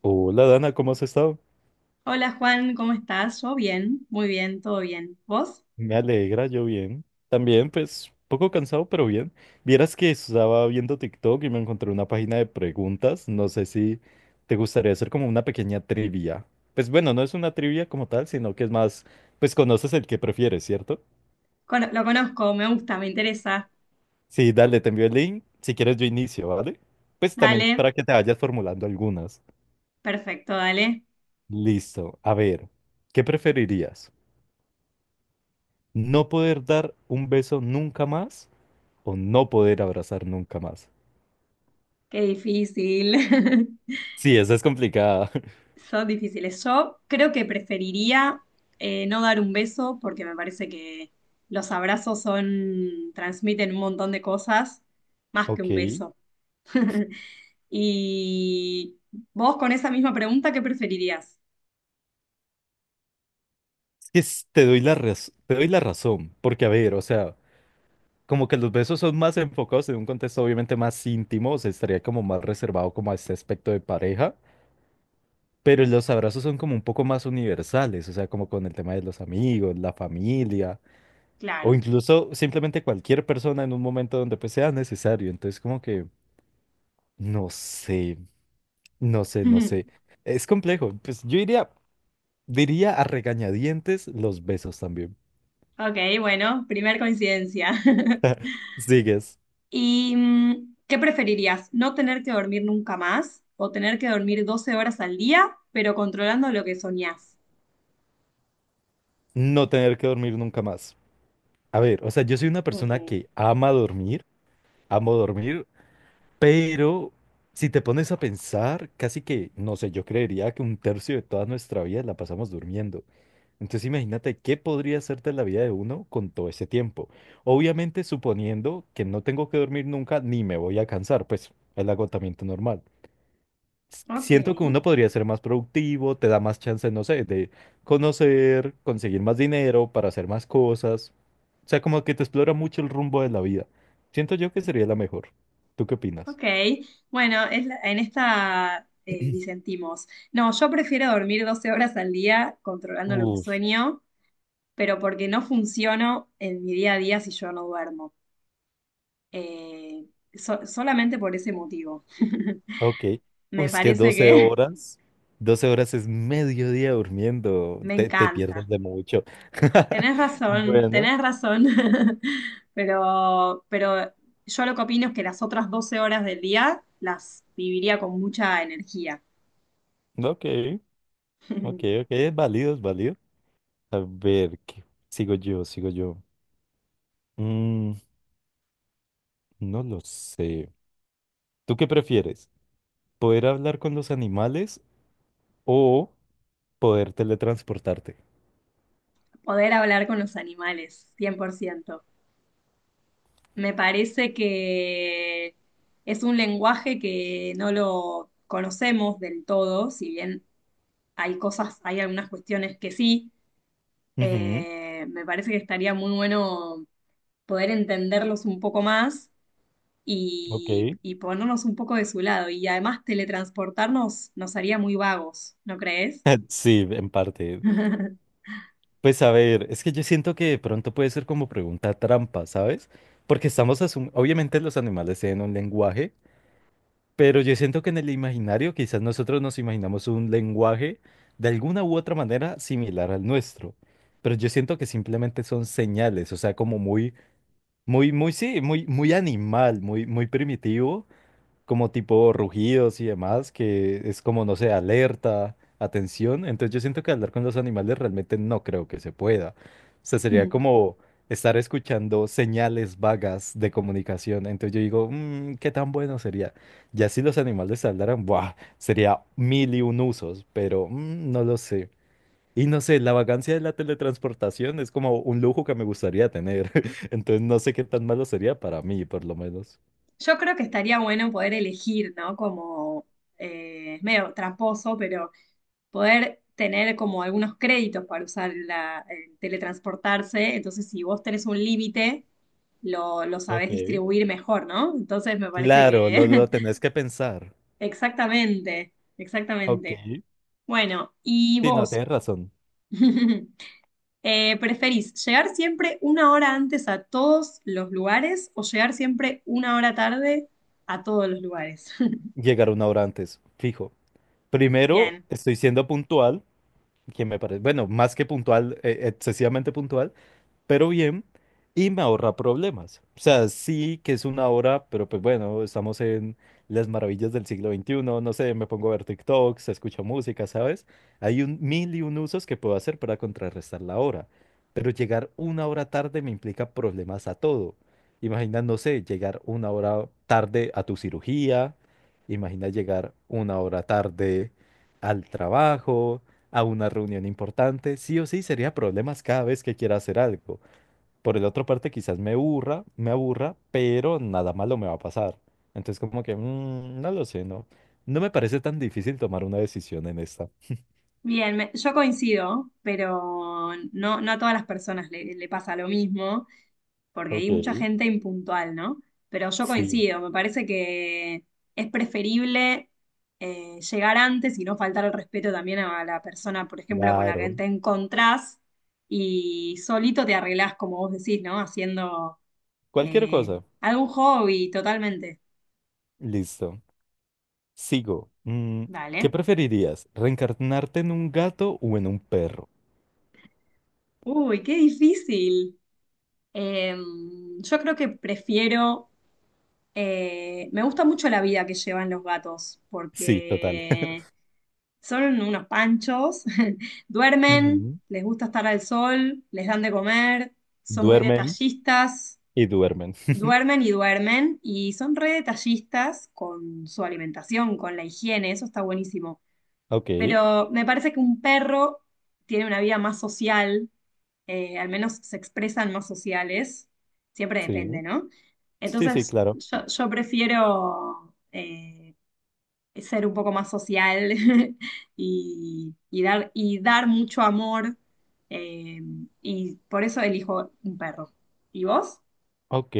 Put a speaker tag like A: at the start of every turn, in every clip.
A: Hola Dana, ¿cómo has estado?
B: Hola Juan, ¿cómo estás? Yo bien, muy bien, todo bien. ¿Vos?
A: Me alegra, yo bien. También, pues, poco cansado, pero bien. Vieras que estaba viendo TikTok y me encontré una página de preguntas. No sé si te gustaría hacer como una pequeña trivia. Pues bueno, no es una trivia como tal, sino que es más, pues conoces el que prefieres, ¿cierto?
B: Cono- lo conozco, me gusta, me interesa.
A: Sí, dale, te envío el link. Si quieres, yo inicio, ¿vale? Pues también
B: Dale,
A: para que te vayas formulando algunas.
B: perfecto, dale.
A: Listo. A ver, ¿qué preferirías? ¿No poder dar un beso nunca más o no poder abrazar nunca más?
B: Qué difícil.
A: Sí, esa es complicada.
B: Son difíciles. Yo creo que preferiría no dar un beso porque me parece que los abrazos son, transmiten un montón de cosas más que
A: Ok.
B: un
A: Es
B: beso. Y vos con esa misma pregunta, ¿qué preferirías?
A: que te doy la te doy la razón, porque a ver, o sea, como que los besos son más enfocados en un contexto obviamente más íntimo, o sea, estaría como más reservado como a este aspecto de pareja, pero los abrazos son como un poco más universales, o sea, como con el tema de los amigos, la familia, o
B: Claro.
A: incluso simplemente cualquier persona en un momento donde pues sea necesario, entonces como que, no sé, no sé, no sé. Es complejo, pues yo diría a regañadientes los besos también.
B: Ok, bueno, primer coincidencia.
A: Sigues,
B: ¿Y qué preferirías? ¿No tener que dormir nunca más o tener que dormir 12 horas al día, pero controlando lo que soñás?
A: no tener que dormir nunca más. A ver, o sea, yo soy una persona
B: Mm,
A: que ama dormir, amo dormir, pero si te pones a pensar, casi que, no sé, yo creería que un tercio de toda nuestra vida la pasamos durmiendo. Entonces imagínate qué podría hacerte la vida de uno con todo ese tiempo. Obviamente suponiendo que no tengo que dormir nunca ni me voy a cansar, pues el agotamiento normal.
B: ok,
A: Siento que uno podría ser más productivo, te da más chance, no sé, de conocer, conseguir más dinero para hacer más cosas. O sea, como que te explora mucho el rumbo de la vida. Siento yo que sería la mejor. ¿Tú qué opinas?
B: ok. Bueno, en esta disentimos. No, yo prefiero dormir 12 horas al día controlando lo que
A: Uf,
B: sueño, pero porque no funciono en mi día a día si yo no duermo. Eh, solamente por ese motivo.
A: ok.
B: Me
A: Pues que
B: parece
A: 12
B: que
A: horas, 12 horas es medio día durmiendo,
B: me
A: te pierdes
B: encanta.
A: de mucho.
B: Tenés razón,
A: Bueno,
B: tenés razón. Pero yo lo que opino es que las otras 12 horas del día las viviría con mucha energía.
A: ok, ok, ok, es válido, es válido. A ver, ¿qué? Sigo yo, sigo yo. Mm, no lo sé. ¿Tú qué prefieres? ¿Poder hablar con los animales o poder teletransportarte?
B: Poder hablar con los animales, 100%. Me parece que es un lenguaje que no lo conocemos del todo, si bien hay cosas, hay algunas cuestiones que sí.
A: Ujú,
B: Me parece que estaría muy bueno poder entenderlos un poco más
A: ok.
B: y ponernos un poco de su lado. Y además teletransportarnos nos haría muy vagos, ¿no crees?
A: Sí, en parte. Pues a ver, es que yo siento que de pronto puede ser como pregunta trampa, ¿sabes? Porque estamos asumiendo, obviamente los animales tienen un lenguaje, pero yo siento que en el imaginario quizás nosotros nos imaginamos un lenguaje de alguna u otra manera similar al nuestro. Pero yo siento que simplemente son señales, o sea, como muy, muy, muy, sí, muy, muy animal, muy, muy primitivo. Como tipo rugidos y demás, que es como, no sé, alerta, atención. Entonces yo siento que hablar con los animales realmente no creo que se pueda. O sea, sería como estar escuchando señales vagas de comunicación. Entonces yo digo, "Mm, ¿qué tan bueno sería? Ya si los animales hablaran, ¡buah! Sería mil y un usos, pero mm, no lo sé. Y no sé, la vagancia de la teletransportación es como un lujo que me gustaría tener." Entonces no sé qué tan malo sería para mí, por lo menos.
B: Yo creo que estaría bueno poder elegir, ¿no? Como es medio tramposo, pero poder tener como algunos créditos para usar el teletransportarse. Entonces, si vos tenés un límite, lo sabés
A: Ok.
B: distribuir mejor, ¿no? Entonces, me parece
A: Claro, lo
B: que
A: tenés que pensar.
B: exactamente,
A: Ok.
B: exactamente. Bueno, ¿y
A: Sí, no,
B: vos?
A: tienes razón.
B: ¿Preferís llegar siempre una hora antes a todos los lugares o llegar siempre una hora tarde a todos los lugares?
A: Llegar una hora antes, fijo. Primero,
B: Bien,
A: estoy siendo puntual, que me parece, bueno, más que puntual, excesivamente puntual. Pero bien, y me ahorra problemas. O sea, sí que es una hora, pero pues bueno, estamos en las maravillas del siglo VIII, no sé, me pongo a ver TikToks, escucho música, ¿sabes? Hay un mil y un usos que puedo hacer para contrarrestar la hora, pero llegar una hora tarde me implica problemas a todo. Imagina, no sé, llegar una hora tarde a tu cirugía, imagina llegar una hora tarde al trabajo, a una reunión importante, sí o sí sería problemas cada vez que quiera hacer algo. Por el otro parte, quizás me aburra, pero nada malo me va a pasar. Entonces, como que, mm, no lo sé, ¿no? No me parece tan difícil tomar una decisión en esta.
B: bien, yo coincido, pero no, no a todas las personas le pasa lo mismo, porque hay
A: Ok.
B: mucha gente impuntual, ¿no? Pero yo
A: Sí,
B: coincido, me parece que es preferible llegar antes y no faltar el respeto también a la persona, por ejemplo, con la que
A: claro.
B: te encontrás y solito te arreglás, como vos decís, ¿no? Haciendo
A: Cualquier
B: Eh,
A: cosa.
B: algún hobby, totalmente.
A: Listo. Sigo. Mm, ¿qué
B: Dale.
A: preferirías? ¿Reencarnarte en un gato o en un perro?
B: Uy, qué difícil. Eh, yo creo que prefiero, me gusta mucho la vida que llevan los gatos,
A: Sí, total.
B: porque son unos panchos, duermen,
A: Ujú.
B: les gusta estar al sol, les dan de comer, son muy
A: Duermen
B: detallistas,
A: y duermen.
B: duermen y duermen, y son re detallistas con su alimentación, con la higiene, eso está buenísimo.
A: Ok,
B: Pero me parece que un perro tiene una vida más social, al menos se expresan más sociales, siempre depende,
A: sí.
B: ¿no?
A: Sí, sí,
B: Entonces,
A: claro.
B: yo prefiero ser un poco más social y dar mucho amor, eh, y por eso elijo un perro. ¿Y vos?
A: Ok.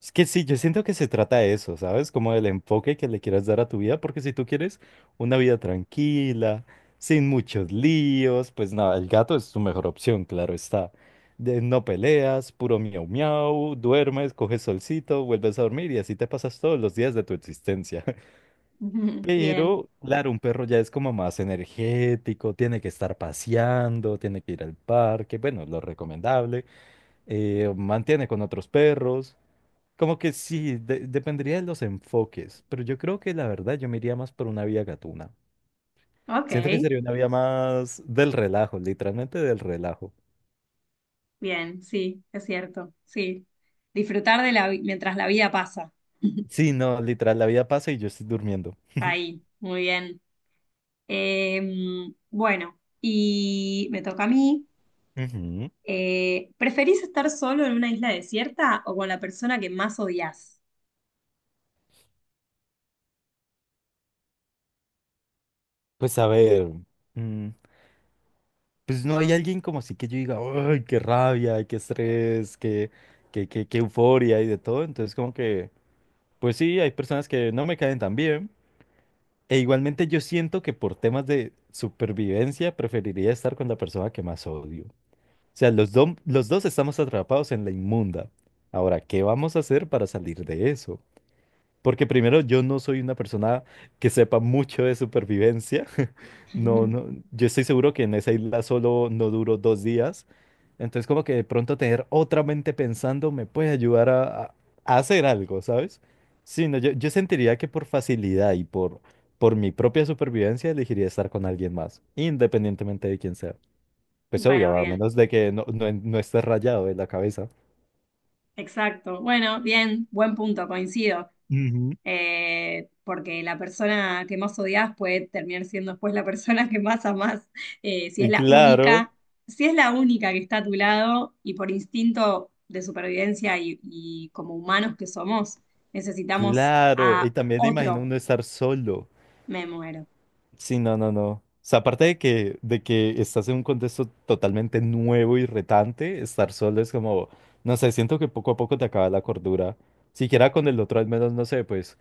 A: Es que sí, yo siento que se trata de eso, ¿sabes? Como del enfoque que le quieras dar a tu vida, porque si tú quieres una vida tranquila, sin muchos líos, pues nada, el gato es tu mejor opción, claro está. No peleas, puro miau miau, duermes, coges solcito, vuelves a dormir y así te pasas todos los días de tu existencia.
B: Ujú, bien,
A: Pero, claro, un perro ya es como más energético, tiene que estar paseando, tiene que ir al parque, bueno, lo recomendable, mantiene con otros perros. Como que sí, dependería de los enfoques, pero yo creo que la verdad yo me iría más por una vía gatuna.
B: ok,
A: Siento que sería una vía más del relajo, literalmente del relajo.
B: bien, sí, es cierto, sí. Disfrutar de mientras la vida pasa.
A: Sí, no, literal, la vida pasa y yo estoy durmiendo.
B: Ahí, muy bien. Bueno, y me toca a mí.
A: Ujú.
B: ¿Preferís estar solo en una isla desierta o con la persona que más odias?
A: Pues a ver, mm, pues no hay alguien como así que yo diga, ay, qué rabia, qué estrés, qué euforia y de todo. Entonces como que, pues sí, hay personas que no me caen tan bien. E igualmente yo siento que por temas de supervivencia preferiría estar con la persona que más odio. O sea, los dos estamos atrapados en la inmunda. Ahora, ¿qué vamos a hacer para salir de eso? Porque primero, yo no soy una persona que sepa mucho de supervivencia. No, no, yo estoy seguro que en esa isla solo no duro 2 días. Entonces, como que de pronto tener otra mente pensando me puede ayudar a, a hacer algo, ¿sabes? Sí, no, yo sentiría que por facilidad y por mi propia supervivencia elegiría estar con alguien más, independientemente de quién sea. Pues
B: Bueno,
A: obvio, a
B: bien,
A: menos de que no, no, no estés rayado de la cabeza.
B: exacto. Bueno, bien, buen punto, coincido.
A: Ujú.
B: Porque la persona que más odias puede terminar siendo después la persona que más amás. Eh, si es
A: Y
B: la
A: claro,
B: única, si es la única que está a tu lado y por instinto de supervivencia y como humanos que somos, necesitamos
A: claro. Y
B: a
A: también me imagino
B: otro.
A: uno estar solo.
B: Me muero.
A: Sí, no, no, no. O sea, aparte de que, estás en un contexto totalmente nuevo y retante, estar solo es como, no sé, siento que poco a poco te acaba la cordura. Siquiera con el otro, al menos, no sé, pues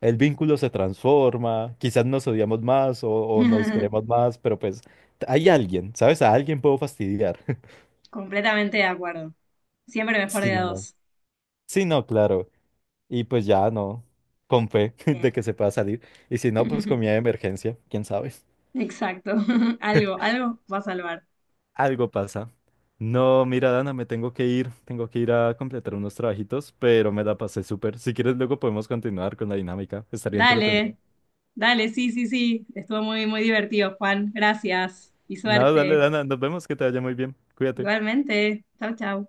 A: el vínculo se transforma, quizás nos odiamos más o nos queremos más, pero pues hay alguien, ¿sabes? A alguien puedo fastidiar.
B: Completamente de acuerdo. Siempre mejor
A: Sí,
B: de a
A: no.
B: dos.
A: Sí, no, claro. Y pues ya no, con fe de que
B: Bien.
A: se pueda salir. Y si no, pues comida de emergencia, quién sabe.
B: Exacto. Algo, algo va a salvar.
A: Algo pasa. No, mira, Dana, me tengo que ir. Tengo que ir a completar unos trabajitos, pero me la pasé súper. Si quieres, luego podemos continuar con la dinámica. Estaría entretenido.
B: Dale, dale, sí, sí, sí. Estuvo muy, muy divertido, Juan. Gracias y
A: No, dale,
B: suerte.
A: Dana, nos vemos, que te vaya muy bien. Cuídate.
B: Igualmente. Chau, chau.